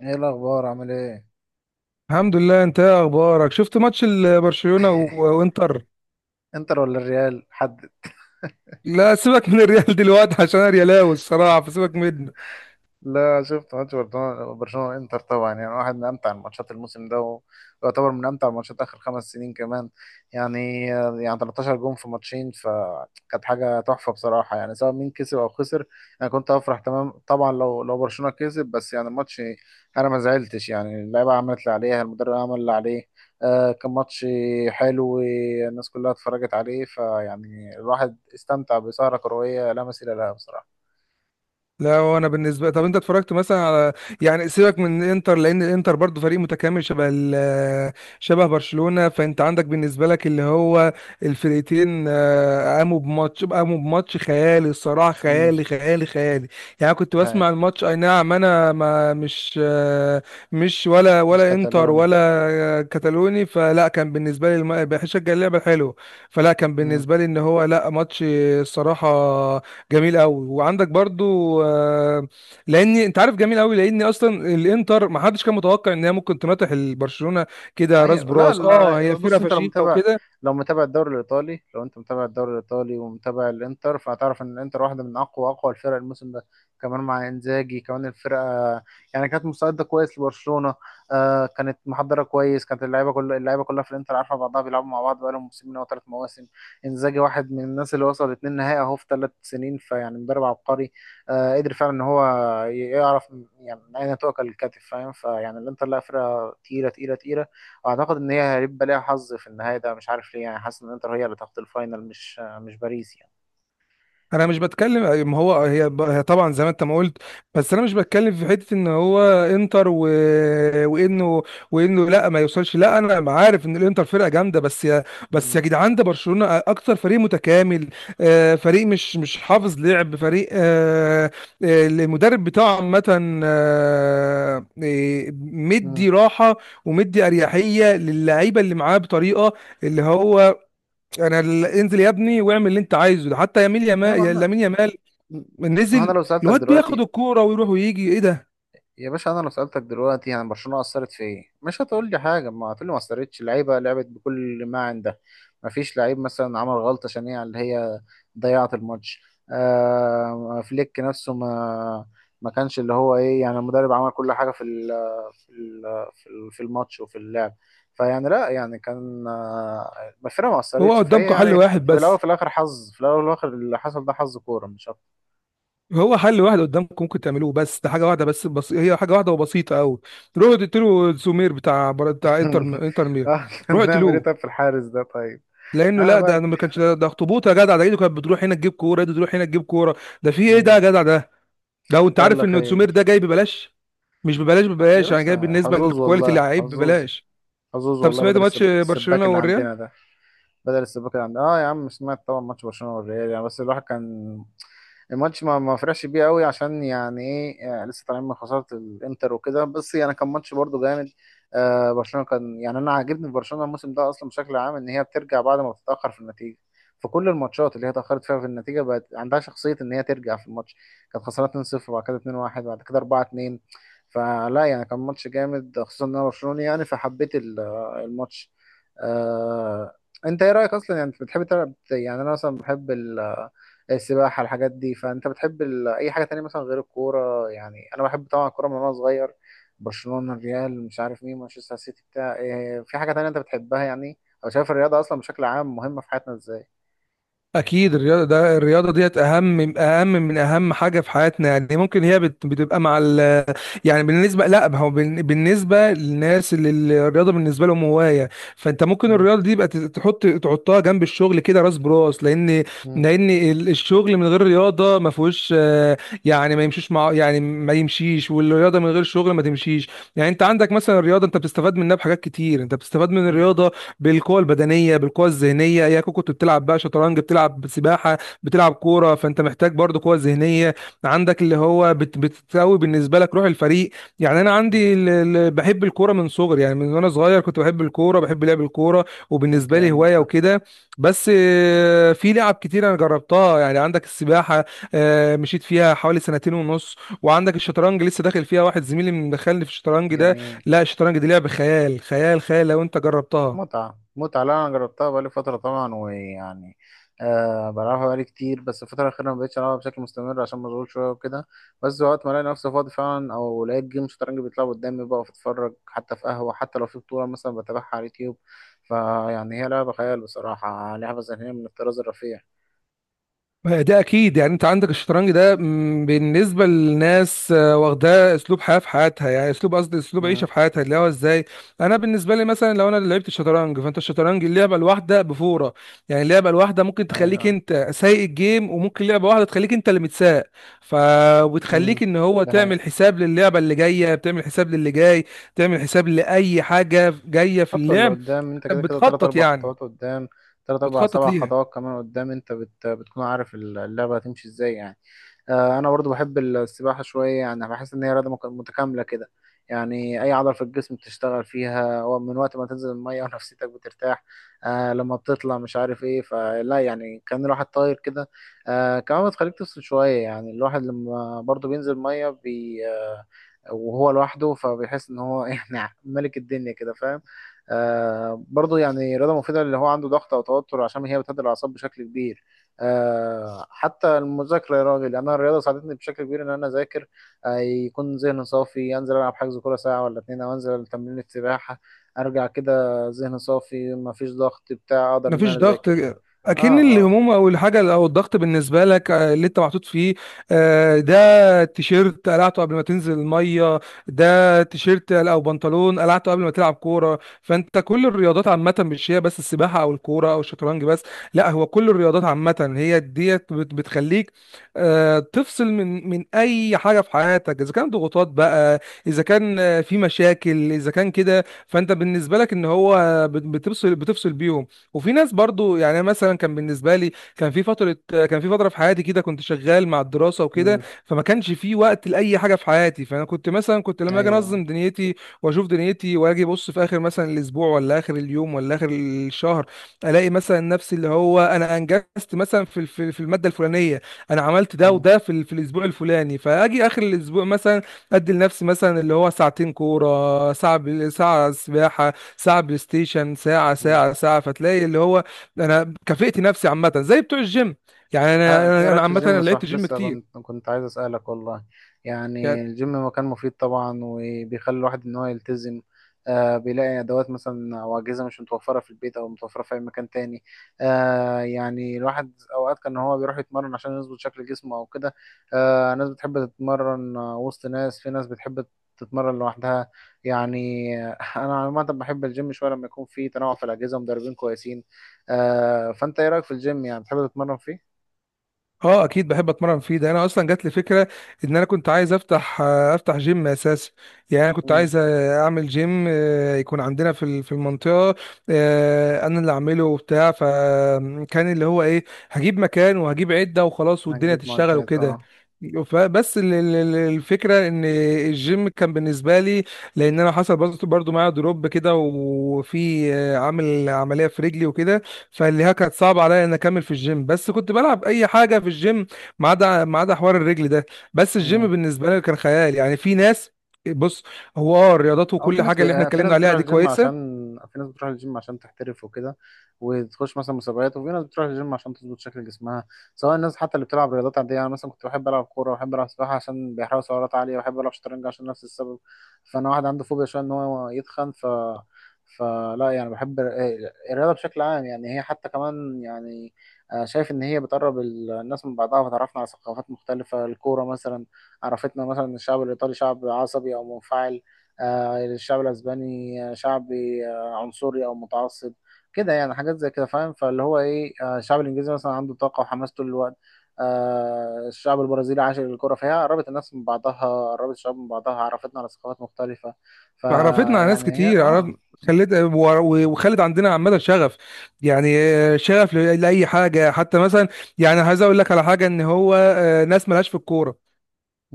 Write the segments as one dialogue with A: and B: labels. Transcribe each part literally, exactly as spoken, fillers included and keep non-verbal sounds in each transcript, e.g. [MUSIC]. A: ايه الاخبار؟ عامل ايه؟
B: الحمد لله. انت ايه اخبارك؟ شفت ماتش ال- برشلونة و-
A: [LAUGHS]
B: وانتر؟
A: انتر ولا الريال؟ حد
B: لا سيبك من الريال دلوقتي عشان انا ريالاوي الصراحة، فسيبك منه.
A: لا، شفت ماتش برشلونة. برشلونة انتر طبعا، يعني واحد من امتع الماتشات الموسم ده، ويعتبر من امتع الماتشات اخر خمس سنين كمان. يعني يعني تلتاشر جون في ماتشين، فكانت حاجة تحفة بصراحة، يعني سواء مين كسب او خسر. انا كنت افرح تمام طبعا لو لو برشلونة كسب، بس يعني الماتش انا ما زعلتش. يعني اللعيبة عملت اللي عليها، المدرب عمل اللي عليه. آه كان ماتش حلو، الناس كلها اتفرجت عليه، فيعني الواحد استمتع بسهرة كروية لا مثيل لها بصراحة.
B: لا وانا بالنسبه، طب انت اتفرجت مثلا على، يعني سيبك من الانتر لان الانتر برضو فريق متكامل شبه ال... شبه برشلونه. فانت عندك بالنسبه لك اللي هو الفرقتين، آه، قاموا بماتش، قاموا بماتش خيالي الصراحه،
A: امم
B: خيالي خيالي خيالي. يعني أنا كنت بسمع الماتش، اي نعم انا ما مش آه، مش ولا
A: مش
B: ولا انتر
A: كتالون.
B: ولا، آه، كتالوني، فلا كان بالنسبه لي الم... بشجع اللعبه الحلوه. فلا كان
A: مم.
B: بالنسبه لي ان هو لا ماتش الصراحه جميل قوي. وعندك برضو آه، لاني انت عارف جميل قوي لاني اصلا الانتر ما حدش كان متوقع ان هي ممكن تناطح البرشلونه كده راس
A: ايوه لا
B: براس. اه
A: لا،
B: هي فرقه
A: بص انت لو
B: فشيخه
A: متابع،
B: وكده.
A: لو متابع الدوري الايطالي، لو انت متابع الدوري الايطالي ومتابع الانتر فهتعرف ان الانتر واحده من اقوى اقوى الفرق الموسم ده. كمان مع انزاجي كمان، الفرقه يعني كانت مستعده كويس لبرشلونه. آه كانت محضره كويس، كانت اللعيبه كل اللعيبه كلها في الانتر عارفه بعضها، بيلعبوا مع بعض بقالهم موسمين او ثلاث مواسم. انزاجي واحد من الناس اللي وصل اتنين نهائي اهو في ثلاث سنين، فيعني مدرب عبقري. آه قدر فعلا ان هو يعرف يعني من اين تؤكل الكتف، فاهم؟ فيعني الانتر لا، فرقه تقيله تقيله تقيله. اعتقد ان هي هيبقى ليها حظ في النهايه ده، مش عارف ليه، يعني حاسس ان انتر هي اللي تاخد الفاينل، مش مش باريس يعني.
B: انا مش بتكلم، ما هو هي هي طبعا زي ما انت ما قلت، بس انا مش بتكلم في حته ان هو انتر و... وانه وانه لا ما يوصلش. لا انا عارف ان الانتر فرقه جامده، بس يا، بس يا
A: مم.
B: جدعان ده برشلونه اكتر فريق متكامل. آه، فريق مش مش حافظ لعب، فريق آه، آه، المدرب بتاعه عامه، آه، آه،
A: مم.
B: مدي راحه ومدي اريحيه للعيبه اللي معاه بطريقه اللي هو انا ال- انزل يا ابني واعمل اللي انت عايزه ده، حتى يمين
A: ايوه ما
B: يمال،
A: انا،
B: لامين يامال.
A: ما انا
B: نزل
A: لو سالتك
B: الواد بياخد
A: دلوقتي،
B: الكوره ويروح ويجي، ايه ده؟
A: يا باشا انا لو سالتك دلوقتي يعني برشلونه اثرت في ايه، مش هتقول لي حاجه، ما هتقول لي ما اثرتش. اللعيبه لعبت بكل ما عندها، ما فيش لعيب مثلا عمل غلطه شنيعه اللي هي ضيعت الماتش. آه فليك نفسه ما ما كانش اللي هو ايه، يعني المدرب عمل كل حاجه في، في ال- في ال- في الماتش وفي اللعب. فيعني لا، يعني كان آه، الفرقه ما
B: هو
A: اثرتش، فهي
B: قدامكم حل
A: يعني
B: واحد
A: في الاول وفي
B: بس.
A: الاخر حظ، في الاول والاخر اللي حصل ده حظ كوره مش اكتر.
B: هو حل واحد قدامكم ممكن تعملوه، بس ده حاجه واحده بس، بس هي حاجه واحده وبسيطه قوي. روحوا تقتلوا سمير بتاع بتاع
A: [LAUGHS]
B: انتر، انتر مير.
A: آه،
B: روحوا
A: نعمل ايه
B: اقتلوه.
A: طيب في الحارس ده طيب؟
B: لانه
A: اه
B: لا ده
A: بقى.
B: ما كانش، ده, ده اخطبوط يا جدع. ده ايده كانت بتروح هنا تجيب كوره، ايده تروح هنا تجيب كوره. ده في ايه ده
A: مم.
B: يا جدع ده؟ لو انت
A: يلا
B: عارف ان
A: خير.
B: سمير ده جاي ببلاش. مش ببلاش
A: آه، يا
B: ببلاش يعني
A: بس
B: جاي بالنسبه
A: حظوظ
B: للكواليتي اللي
A: والله،
B: لعيب
A: حظوظ.
B: ببلاش.
A: حظوظ
B: طب
A: والله،
B: سمعت
A: بدل
B: ماتش
A: السب... السباك
B: برشلونة
A: اللي
B: والريال؟
A: عندنا ده، بدل السباكة يعني. اه يا عم سمعت طبعا ماتش برشلونة والريال، يعني بس الواحد كان الماتش ما ما فرحش بيه قوي، عشان يعني ايه، يعني لسه طالعين من خسارة الانتر وكده، بس يعني كان ماتش برضه جامد. آه برشلونة كان يعني انا عاجبني في برشلونة الموسم ده اصلا بشكل عام، ان هي بترجع بعد ما بتتأخر في النتيجة، في كل الماتشات اللي هي اتأخرت فيها في النتيجة بقت عندها شخصية ان هي ترجع في الماتش. كانت خسرانة اثنين صفر، بعد كده اثنين واحد، بعد كده اربعة اثنين. فلا يعني كان ماتش جامد، خصوصا ان انا برشلوني يعني، فحبيت ال- آه، الماتش. آه، انت ايه رايك اصلا؟ يعني انت بتحب تلعب؟ يعني انا مثلا بحب ال- السباحه، الحاجات دي. فانت بتحب ال... اي حاجه تانية مثلا غير الكوره؟ يعني انا بحب طبعا الكوره من وانا صغير، برشلونه الريال مش عارف مين مانشستر سيتي بتاع إيه. في حاجه تانية انت بتحبها يعني؟ او شايف الرياضه اصلا بشكل عام مهمه في حياتنا ازاي؟
B: أكيد الرياضة، ده الرياضة ديت أهم، أهم من أهم حاجة في حياتنا. يعني ممكن هي بت- بتبقى مع ال، يعني بالنسبة لا ما هو بال- بالنسبة للناس اللي اللي الرياضة بالنسبة لهم هواية، فأنت ممكن
A: مم.
B: الرياضة دي يبقى ت- تحط، تحطها جنب الشغل كده راس براس. لأن
A: مم.
B: لأن ال- الشغل من غير رياضة ما فيهوش آه، يعني ما يمشيش، مع يعني ما يمشيش، والرياضة من غير شغل ما تمشيش. يعني أنت عندك مثلا الرياضة، أنت بتستفاد منها بحاجات كتير. أنت بتستفاد من الرياضة بالقوه البدنيه، بالقوه الذهنيه. يا كنت بتلعب بقى شطرنج، بتلعب سباحه، بتلعب كوره، فانت محتاج برضو قوه ذهنيه. عندك اللي هو بت بتساوي بالنسبه لك روح الفريق. يعني انا
A: مم.
B: عندي ال- ال- بحب الكوره من صغري. يعني من وانا صغير كنت بحب الكوره، بحب لعب الكوره، وبالنسبه لي
A: جامد
B: هوايه
A: ده.
B: وكده. بس آه، في لعب كتير انا جربتها. يعني عندك السباحه، آه، مشيت فيها حوالي سنتين ونص. وعندك الشطرنج لسه داخل فيها، واحد زميلي مدخلني في الشطرنج ده.
A: جميل.
B: لا الشطرنج دي لعب خيال، خيال خيال لو انت جربتها.
A: متعة، متعة. لا أنا جربتها بقالي فترة طبعا، ويعني آه بلعبها بقالي كتير، بس الفترة الأخيرة ما بقتش ألعبها بشكل مستمر عشان مشغول شوية وكده. بس وقت ما ألاقي نفسي فاضي فعلا، أو لقيت جيم شطرنج بيتلعب قدامي بقف أتفرج، حتى في قهوة، حتى لو في بطولة مثلا بتابعها على اليوتيوب. فيعني هي لعبة خيال بصراحة، لعبة ذهنية من الطراز الرفيع.
B: ده اكيد، يعني انت عندك الشطرنج ده م، بالنسبه للناس آه، واخداه اسلوب حياه في حياتها. يعني اسلوب، قصدي اسلوب عيشه
A: امم.
B: في حياتها، اللي هو ازاي. انا بالنسبه لي مثلا لو انا اللي لعبت الشطرنج، فانت الشطرنج اللعبه الواحده بفوره. يعني اللعبه الواحده ممكن تخليك
A: أيوه.
B: انت سايق الجيم، وممكن لعبه واحده تخليك انت اللي متساق. ف
A: امم.
B: وتخليك ان هو
A: ده
B: تعمل
A: حقيقة.
B: حساب للعبه اللي جايه، بتعمل حساب للي جاي، بتعمل حساب لاي حاجه جايه في
A: خطوة اللي
B: اللعب.
A: قدام، أنت كده كده تلات
B: بتخطط
A: أربع
B: يعني،
A: خطوات قدام، تلات أربع
B: بتخطط
A: سبع
B: ليها.
A: خطوات كمان قدام، أنت بت... بتكون عارف اللعبة هتمشي إزاي يعني. آه، انا برضو بحب السباحه شويه، يعني بحس ان هي رياضه مك- متكامله كده، يعني اي عضله في الجسم بتشتغل فيها، ومن وقت ما تنزل الميه [LAUGHS] ونفسيتك بترتاح. آه لما بتطلع مش عارف ايه، فلا يعني كان الواحد طاير كده. آه كمان بتخليك تفصل شويه، يعني الواحد لما برضو بينزل ميه بي آه وهو لوحده فبيحس ان هو [LAUGHS] يعني ملك الدنيا كده، فاهم؟ آه برضو يعني رياضه مفيده، اللي هو عنده ضغط او توتر، عشان هي بتهدي الاعصاب بشكل كبير. آه، حتى المذاكرة يا راجل، يعني أنا الرياضة ساعدتني بشكل كبير إن أنا أذاكر. آه، يكون ذهني صافي، أنزل ألعب حجز كورة ساعة ولا اتنين، أو أنزل تمرين السباحة، أرجع كده ذهني صافي، مفيش ضغط بتاع، أقدر إن أنا
B: مفيش ضغط.
A: أذاكر. آه
B: اكن
A: آه.
B: الهموم او الحاجه او الضغط بالنسبه لك، آه، اللي انت محطوط فيه، آه، ده تيشيرت قلعته قبل ما تنزل الميه، ده تيشيرت او بنطلون قلعته قبل ما تلعب كوره. فانت كل الرياضات عامه، مش هي بس السباحه او الكوره او الشطرنج بس. لا هو كل الرياضات عامه هي ديت بت- بتخليك آه، تفصل من من اي حاجه في حياتك، اذا كان ضغوطات بقى، اذا كان آه، في مشاكل، اذا كان كده فانت بالنسبه لك ان هو بت- بتفصل بتفصل بيهم. وفي ناس برضو، يعني أنا مثلا كان بالنسبه لي، كان في فتره، كان في فتره في حياتي كده كنت شغال مع الدراسه وكده،
A: مم.
B: فما كانش في وقت لاي حاجه في حياتي. فانا كنت مثلا كنت لما اجي
A: أيوه.
B: انظم دنيتي واشوف دنيتي، واجي ابص في اخر مثلا الاسبوع ولا اخر اليوم ولا اخر الشهر، الاقي مثلا نفسي اللي هو انا انجزت مثلا في في في الماده الفلانيه، انا عملت ده
A: مم.
B: وده في ال- في الاسبوع الفلاني. فاجي اخر الاسبوع مثلا ادي لنفسي مثلا اللي هو ساعتين كوره، ساعه بال- ساعه سباحه، ساعة بلاي ستيشن، ساعة
A: مم.
B: ساعة ساعة، فتلاقي اللي هو أنا كافئت نفسي عامة زي بتوع الجيم. يعني أنا
A: آه، ايه
B: أنا أنا
A: رايك في
B: عامة أنا
A: الجيم؟
B: لعبت
A: صح
B: جيم
A: لسه
B: كتير
A: كنت كنت عايز اسالك والله. يعني
B: يعني.
A: الجيم مكان مفيد طبعا، وبيخلي الواحد ان هو يلتزم. آه بيلاقي ادوات مثلا او اجهزه مش متوفره في البيت، او متوفره في اي مكان تاني. آه يعني الواحد اوقات كان هو بيروح يتمرن عشان يظبط شكل جسمه او كده. آه ناس بتحب تتمرن آه، وسط ناس، في ناس بتحب تتمرن لوحدها يعني. آه، [LAUGHS] انا عامه بحب الجيم شويه لما يكون في تنوع في الاجهزه ومدربين كويسين. آه فانت ايه رايك في الجيم؟ يعني بتحب تتمرن
B: اه اكيد بحب اتمرن فيه. ده انا اصلا جات لي فكره ان انا كنت عايز افتح آه، افتح جيم اساسا. يعني انا كنت
A: فيه؟
B: عايز آه، اعمل جيم، آه، يكون عندنا في ال- في المنطقه، آه، انا اللي اعمله وبتاع. فكان اللي هو ايه، هجيب مكان وهجيب عده وخلاص والدنيا
A: هتجيب
B: تشتغل
A: معدات
B: وكده.
A: اه.
B: ف- بس ال- ال- ال- الفكره ان الجيم كان بالنسبه لي، لان انا حصل برضه برضه معايا دروب كده، وفي آه، عامل عمليه في رجلي وكده، فاللي هي كانت صعبه عليا ان اكمل في الجيم. بس كنت بلعب اي حاجه في الجيم ما عدا، ما عدا حوار الرجل ده. بس الجيم
A: مم.
B: بالنسبه لي كان خيال، يعني في ناس. بص، هو اه الرياضات
A: او في
B: وكل
A: ناس ب...
B: حاجه اللي احنا
A: آه، في ناس
B: اتكلمنا عليها
A: بتروح
B: دي
A: الجيم عشان،
B: كويسه.
A: في ناس بتروح الجيم عشان تحترف وكده، وتخش مثلا مسابقات. وفي ناس بتروح الجيم عشان تظبط شكل جسمها، سواء الناس حتى اللي بتلعب رياضات عاديه. انا مثلا كنت بحب العب كوره وبحب العب سباحه عشان بيحرقوا سعرات عاليه، وبحب العب شطرنج عشان نفس السبب، فانا واحد عنده فوبيا شويه ان هو يتخن. ف فلا يعني بحب ال- آه، الرياضه بشكل عام، يعني هي حتى كمان يعني آه، شايف ان هي بتقرب ال- الناس من بعضها، وتعرفنا على ثقافات مختلفه. الكوره مثلا عرفتنا مثلا إن الشعب الايطالي شعب عصبي او منفعل. آه، الشعب الاسباني آه، شعبي آه، عنصري او متعصب كده يعني، حاجات زي كده، فاهم؟ فاللي هو ايه، آه، الشعب الانجليزي مثلا عنده طاقه وحماس طول الوقت. آه، الشعب البرازيلي عاشق للكره. فهي قربت الناس من بعضها، قربت الشعوب من بعضها، عرفتنا على ثقافات مختلفه.
B: عرفتنا على ناس
A: فيعني هي
B: كتير، عرف
A: اه.
B: خلت و- وخلت عندنا عامه شغف. يعني آه، شغف ل- لاي حاجه. حتى مثلا يعني عايز اقول لك على حاجه ان هو آه، ناس ملهاش في الكوره،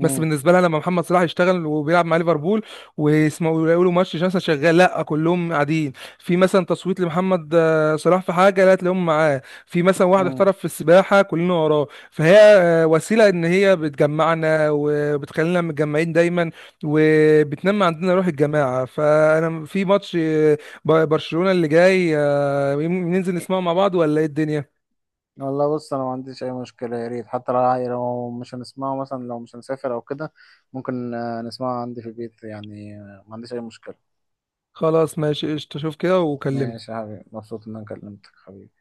B: بس بالنسبه لها لما محمد صلاح يشتغل وبيلعب مع ليفربول، ويسمعوا يقولوا ماتش مثلا شغال، لا كلهم قاعدين. في مثلا تصويت لمحمد آه، صلاح في حاجه، لا تلاقيهم معاه. في مثلا واحد
A: امم.
B: احترف في السباحه، كلنا وراه. فهي آه، وسيله ان هي بتجمعنا وبتخلينا متجمعين دايما، وبتنمي عندنا روح الجماعه. فانا في ماتش آه، ب- برشلونه اللي جاي، آه، يم- ننزل نسمعه مع بعض ولا ايه الدنيا؟
A: والله بص انا ما عنديش اي مشكله، يا ريت. حتى لو لو مش هنسمعه مثلا، لو مش هنسافر او كده، ممكن آه، نسمعه عندي في البيت يعني. آه، ما عنديش اي مشكله.
B: خلاص ماشي قشطه، شوف كده وكلمني.
A: ماشي يا حبيبي، مبسوط ان انا كلمتك حبيبي.